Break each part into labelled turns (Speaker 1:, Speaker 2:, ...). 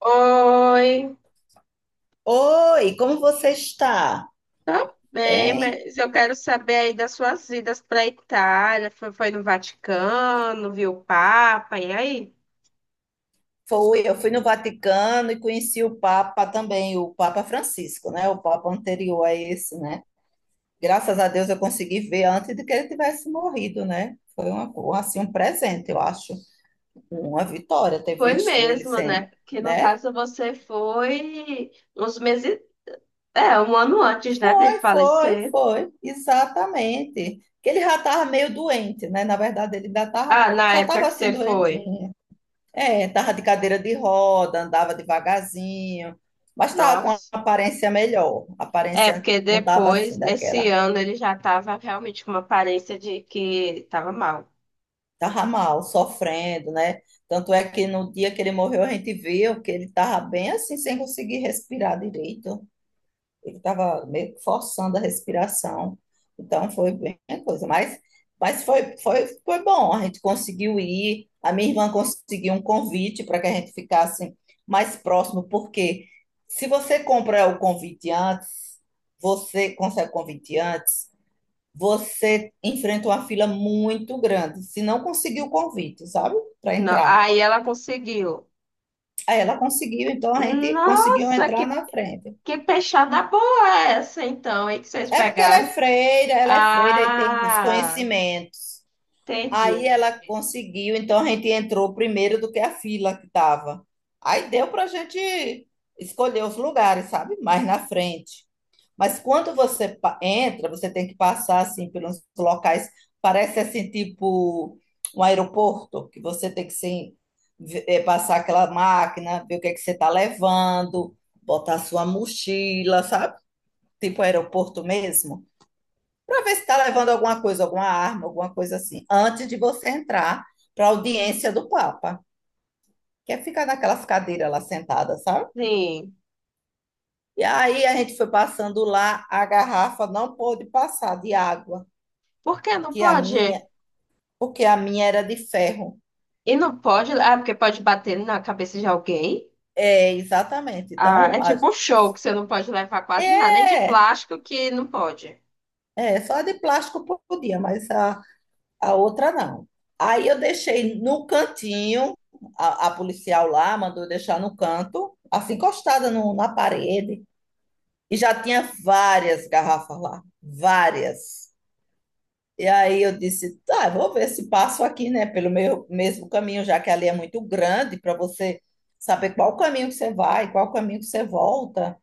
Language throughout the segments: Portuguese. Speaker 1: Oi,
Speaker 2: Oi, como você está?
Speaker 1: tá bem,
Speaker 2: Bem,
Speaker 1: mas eu quero saber aí das suas idas para Itália. Foi no Vaticano, viu o Papa, e aí?
Speaker 2: foi, eu fui no Vaticano e conheci o Papa também, o Papa Francisco, né? O Papa anterior a esse, né? Graças a Deus eu consegui ver antes de que ele tivesse morrido, né? Foi assim, um presente, eu acho, uma vitória ter
Speaker 1: Foi
Speaker 2: visto ele
Speaker 1: mesmo,
Speaker 2: sem,
Speaker 1: né? Que no
Speaker 2: né?
Speaker 1: caso você foi uns meses, é, um ano antes, né, dele
Speaker 2: Foi, foi,
Speaker 1: falecer.
Speaker 2: foi, exatamente. Que ele já estava meio doente, né? Na verdade, ele ainda tava,
Speaker 1: Ah, na
Speaker 2: já
Speaker 1: época
Speaker 2: estava
Speaker 1: que
Speaker 2: assim
Speaker 1: você foi.
Speaker 2: doentinho. É, tava de cadeira de roda, andava devagarzinho, mas tava com uma
Speaker 1: Nossa.
Speaker 2: aparência melhor. A
Speaker 1: É,
Speaker 2: aparência
Speaker 1: porque
Speaker 2: não tava
Speaker 1: depois,
Speaker 2: assim
Speaker 1: nesse
Speaker 2: daquela.
Speaker 1: ano, ele já estava realmente com uma aparência de que estava mal.
Speaker 2: Tava mal, sofrendo, né? Tanto é que no dia que ele morreu, a gente viu que ele tava bem assim, sem conseguir respirar direito. Ele estava meio que forçando a respiração. Então foi bem a coisa. Mas foi bom. A gente conseguiu ir. A minha irmã conseguiu um convite para que a gente ficasse mais próximo, porque se você compra o convite antes, você consegue o convite antes, você enfrenta uma fila muito grande. Se não conseguiu o convite, sabe? Para
Speaker 1: Não,
Speaker 2: entrar.
Speaker 1: aí ela conseguiu.
Speaker 2: Aí ela conseguiu, então a gente conseguiu
Speaker 1: Nossa,
Speaker 2: entrar na frente.
Speaker 1: que peixada boa é essa, então, aí que vocês
Speaker 2: É porque
Speaker 1: pegaram?
Speaker 2: ela é freira e tem os
Speaker 1: Ah,
Speaker 2: conhecimentos. Aí ela
Speaker 1: entendi.
Speaker 2: conseguiu, então a gente entrou primeiro do que a fila que estava. Aí deu para a gente escolher os lugares, sabe? Mais na frente. Mas quando você entra, você tem que passar assim pelos locais, parece assim tipo um aeroporto, que você tem que assim, passar aquela máquina, ver o que é que você está levando, botar sua mochila, sabe? Tipo aeroporto mesmo para ver se está levando alguma coisa, alguma arma, alguma coisa assim, antes de você entrar para a audiência do Papa, que é ficar naquelas cadeiras lá sentadas, sabe?
Speaker 1: Sim.
Speaker 2: E aí a gente foi passando lá, a garrafa não pôde passar de água,
Speaker 1: Por que não
Speaker 2: que a
Speaker 1: pode?
Speaker 2: minha, porque a minha era de ferro.
Speaker 1: E não pode? Ah, porque pode bater na cabeça de alguém?
Speaker 2: É, exatamente.
Speaker 1: Ah, é
Speaker 2: Então,
Speaker 1: tipo um show que você não pode levar quase nada, nem de
Speaker 2: é,
Speaker 1: plástico que não pode.
Speaker 2: é, só a de plástico podia, mas a outra não. Aí eu deixei no cantinho, a policial lá mandou eu deixar no canto, assim encostada na parede, e já tinha várias garrafas lá, várias. E aí eu disse, tá, eu vou ver se passo aqui, né, pelo meu, mesmo caminho, já que ali é muito grande para você saber qual caminho que você vai, qual caminho que você volta.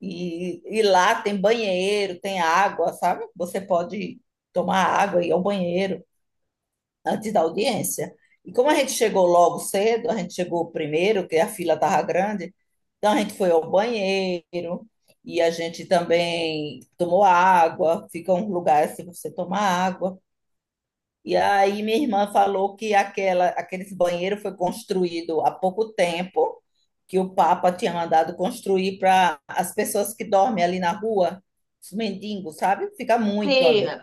Speaker 2: E lá tem banheiro, tem água, sabe? Você pode tomar água e ir ao banheiro antes da audiência. E como a gente chegou logo cedo, a gente chegou primeiro, que a fila estava grande, então a gente foi ao banheiro e a gente também tomou água, fica um lugar assim para você tomar água. E aí minha irmã falou que aquele banheiro foi construído há pouco tempo, que o Papa tinha mandado construir para as pessoas que dormem ali na rua, os mendigos, sabe? Fica muito
Speaker 1: Sim.
Speaker 2: ali,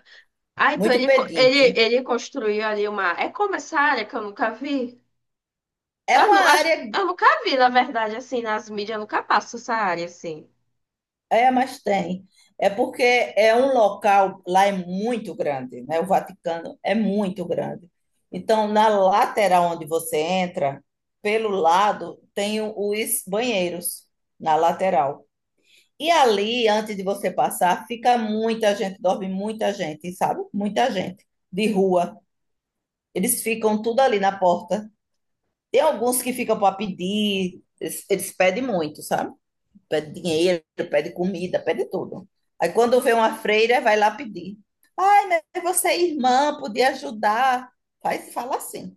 Speaker 1: Ah, então
Speaker 2: muito pedinte.
Speaker 1: ele construiu ali uma. É como essa área que eu nunca vi?
Speaker 2: É
Speaker 1: Eu,
Speaker 2: uma
Speaker 1: não, acho,
Speaker 2: área.
Speaker 1: eu nunca vi, na verdade, assim, nas mídias, eu nunca passo essa área assim.
Speaker 2: É, mas tem. É porque é um local, lá é muito grande, né? O Vaticano é muito grande. Então, na lateral onde você entra, pelo lado, tem os banheiros, na lateral. E ali, antes de você passar, fica muita gente, dorme muita gente, sabe? Muita gente de rua. Eles ficam tudo ali na porta. Tem alguns que ficam para pedir, eles pedem muito, sabe? Pede dinheiro, pede comida, pede tudo. Aí quando vê uma freira, vai lá pedir. Ai, mas você é irmã, podia ajudar. Faz, fala assim.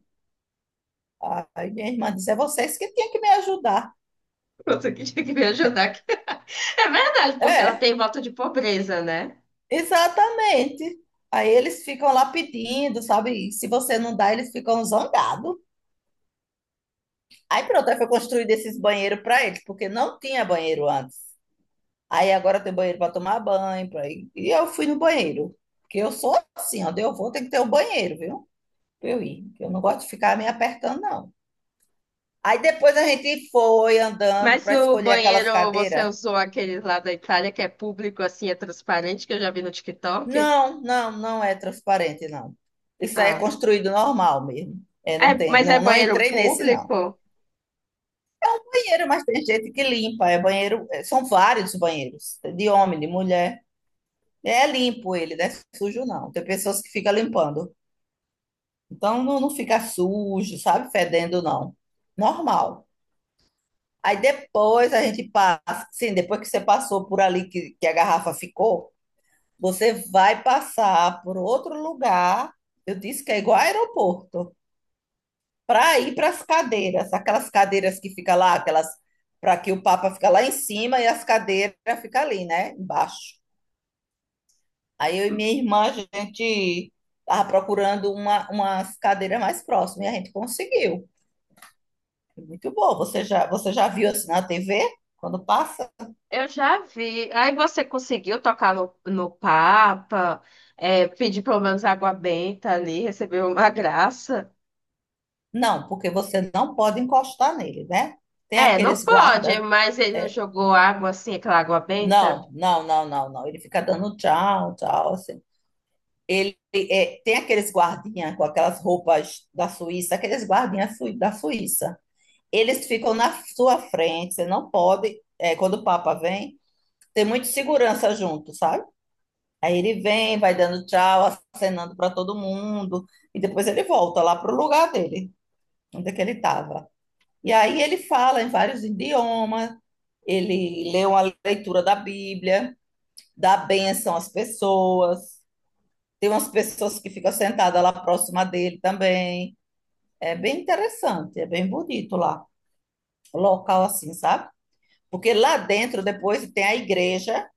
Speaker 2: Aí minha irmã diz, é vocês que tinham que me ajudar.
Speaker 1: Pronto, que tinha que me ajudar aqui. É verdade, porque ela
Speaker 2: É,
Speaker 1: tem voto de pobreza, né?
Speaker 2: exatamente. Aí eles ficam lá pedindo, sabe? E se você não dá, eles ficam zangados. Aí pronto, aí foi construído esses banheiros para eles, porque não tinha banheiro antes. Aí agora tem banheiro para tomar banho, pra... e eu fui no banheiro. Porque eu sou assim, onde eu vou tem que ter um banheiro, viu? Pra eu ir. Eu não gosto de ficar me apertando, não. Aí depois a gente foi andando
Speaker 1: Mas
Speaker 2: para
Speaker 1: o
Speaker 2: escolher aquelas
Speaker 1: banheiro, você
Speaker 2: cadeiras.
Speaker 1: usou aquele lá da Itália que é público, assim, é transparente, que eu já vi no TikTok?
Speaker 2: Não, não, não é transparente, não. Isso aí é
Speaker 1: Ah.
Speaker 2: construído normal mesmo. É,
Speaker 1: É,
Speaker 2: não tem,
Speaker 1: mas é
Speaker 2: não, não
Speaker 1: banheiro
Speaker 2: entrei nesse, não.
Speaker 1: público?
Speaker 2: Banheiro, mas tem gente que limpa. É banheiro, é, são vários banheiros, de homem, de mulher. É limpo ele, não é sujo, não. Tem pessoas que ficam limpando. Então não, não fica sujo, sabe? Fedendo, não. Normal. Aí depois a gente passa, sim, depois que você passou por ali que a garrafa ficou, você vai passar por outro lugar. Eu disse que é igual aeroporto, para ir para as cadeiras, aquelas cadeiras que fica lá, aquelas para que o Papa fica lá em cima e as cadeiras fica ali, né, embaixo. Aí eu e minha irmã, a gente estava procurando umas cadeiras mais próximas e a gente conseguiu. Muito bom. Você já viu assim na TV quando passa?
Speaker 1: Eu já vi. Aí você conseguiu tocar no Papa, é, pedir pelo menos água benta ali, recebeu uma graça.
Speaker 2: Não, porque você não pode encostar nele, né? Tem
Speaker 1: É, não
Speaker 2: aqueles
Speaker 1: pode,
Speaker 2: guarda.
Speaker 1: mas ele não
Speaker 2: É,
Speaker 1: jogou água assim, aquela água benta.
Speaker 2: não. Ele fica dando tchau, tchau, assim. Ele é, tem aqueles guardinha com aquelas roupas da Suíça, aqueles guardinhas da Suíça. Eles ficam na sua frente. Você não pode. É, quando o Papa vem, tem muita segurança junto, sabe? Aí ele vem, vai dando tchau, acenando para todo mundo, e depois ele volta lá pro lugar dele, onde é que ele estava. E aí ele fala em vários idiomas, ele lê uma leitura da Bíblia, dá bênção às pessoas, tem umas pessoas que ficam sentadas lá próxima dele também. É bem interessante, é bem bonito lá, local assim, sabe? Porque lá dentro depois tem a igreja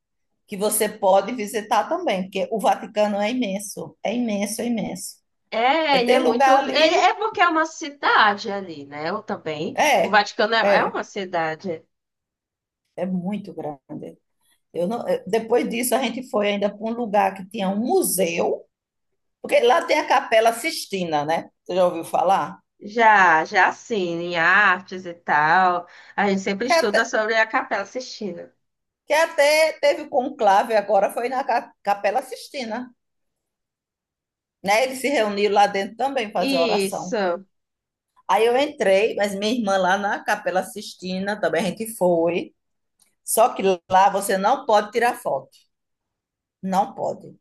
Speaker 2: que você pode visitar também, porque o Vaticano é imenso, é imenso, é imenso. É,
Speaker 1: É, e
Speaker 2: tem
Speaker 1: é muito.
Speaker 2: lugar ali,
Speaker 1: É, é porque é uma cidade ali, né? Eu também. O
Speaker 2: é,
Speaker 1: Vaticano é
Speaker 2: é,
Speaker 1: uma cidade.
Speaker 2: é muito grande. Eu não- eh, depois disso, a gente foi ainda para um lugar que tinha um museu, porque lá tem a Capela Sistina, né? Você já ouviu falar?
Speaker 1: Já, já assim, em artes e tal. A gente sempre
Speaker 2: Que até,
Speaker 1: estuda sobre a Capela Sistina.
Speaker 2: que até teve conclave agora, foi na Capela Sistina, né? Eles se reuniram lá dentro também fazer oração.
Speaker 1: Isso.
Speaker 2: Aí eu entrei, mas minha irmã lá na Capela Sistina também a gente foi. Só que lá você não pode tirar foto. Não pode.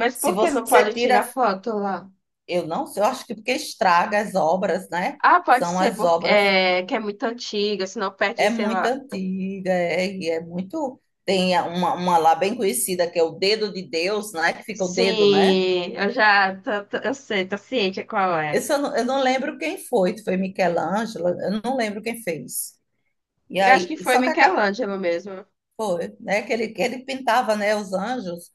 Speaker 1: Mas
Speaker 2: Se
Speaker 1: por que não
Speaker 2: você
Speaker 1: pode
Speaker 2: tira,
Speaker 1: tirar foto lá?
Speaker 2: eu não sei, eu acho que porque estraga as obras, né?
Speaker 1: Ah, pode
Speaker 2: São
Speaker 1: ser
Speaker 2: as
Speaker 1: porque
Speaker 2: obras.
Speaker 1: é, que é muito antiga, senão perde,
Speaker 2: É
Speaker 1: sei
Speaker 2: muito
Speaker 1: lá.
Speaker 2: antiga, é, e é muito. Uma lá bem conhecida, que é o Dedo de Deus, né? Que fica o dedo, né?
Speaker 1: Sim, eu sei, tô ciente qual é.
Speaker 2: Esse eu não lembro quem foi, se foi Michelangelo, eu não lembro quem fez. E
Speaker 1: Eu acho
Speaker 2: aí,
Speaker 1: que
Speaker 2: e
Speaker 1: foi
Speaker 2: só que
Speaker 1: Michelangelo mesmo.
Speaker 2: foi, né? Que ele pintava, né? Os anjos.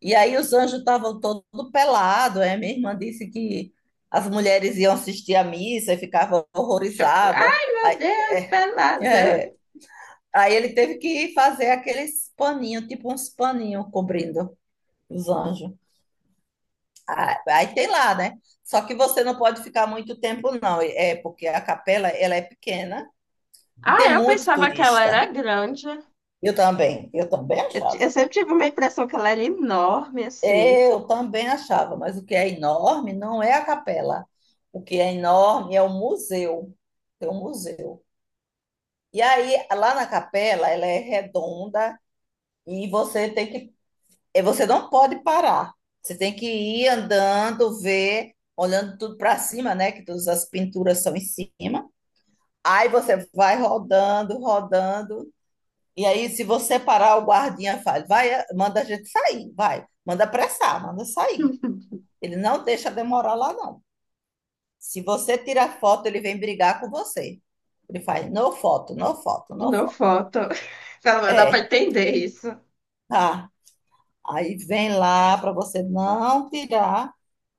Speaker 2: E aí os anjos estavam todos pelados, é? Minha irmã disse que as mulheres iam assistir à missa e ficavam
Speaker 1: Cho-
Speaker 2: horrorizadas.
Speaker 1: Ai, meu
Speaker 2: Aí,
Speaker 1: Deus, pelada.
Speaker 2: é, aí ele teve que fazer aqueles paninhos, tipo uns paninhos cobrindo. Os anjos. Ah, aí tem lá, né? Só que você não pode ficar muito tempo, não. É porque a capela, ela é pequena e tem
Speaker 1: Ah, eu
Speaker 2: muito
Speaker 1: pensava que ela
Speaker 2: turista.
Speaker 1: era grande.
Speaker 2: Eu também achava.
Speaker 1: Eu sempre tive uma impressão que ela era enorme, assim.
Speaker 2: Eu também achava, mas o que é enorme não é a capela. O que é enorme é o museu. Tem um museu. E aí, lá na capela, ela é redonda e você tem que é, você não pode parar. Você tem que ir andando, ver, olhando tudo para cima, né? Que todas as pinturas são em cima. Aí você vai rodando, rodando. E aí, se você parar, o guardinha fala, vai, manda a gente sair, vai. Manda apressar, manda sair. Ele não deixa demorar lá, não. Se você tirar foto, ele vem brigar com você. Ele faz, no foto, no foto, no
Speaker 1: No
Speaker 2: foto.
Speaker 1: foto. Pelo menos dá pra
Speaker 2: É,
Speaker 1: entender isso.
Speaker 2: tá. Aí vem lá para você não tirar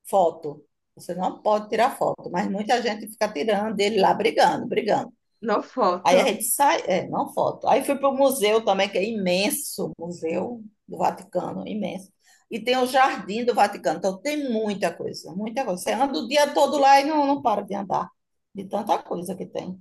Speaker 2: foto. Você não pode tirar foto, mas muita gente fica tirando ele lá brigando, brigando.
Speaker 1: No
Speaker 2: Aí a
Speaker 1: foto.
Speaker 2: gente sai, é, não foto. Aí fui para o museu também, que é imenso, o Museu do Vaticano, imenso. E tem o Jardim do Vaticano, então tem muita coisa, muita coisa. Você anda o dia todo lá e não, não para de andar, de tanta coisa que tem.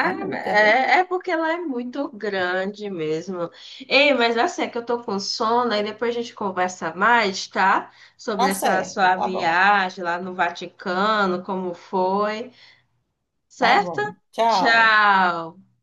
Speaker 2: É muita, viu?
Speaker 1: é, é porque ela é muito grande mesmo. Ei, mas assim, é que eu tô com sono, aí depois a gente conversa mais, tá? Sobre
Speaker 2: Tá
Speaker 1: essa
Speaker 2: certo,
Speaker 1: sua
Speaker 2: tá bom,
Speaker 1: viagem lá no Vaticano, como foi,
Speaker 2: tá
Speaker 1: certo?
Speaker 2: bom. Tchau.
Speaker 1: Tchau!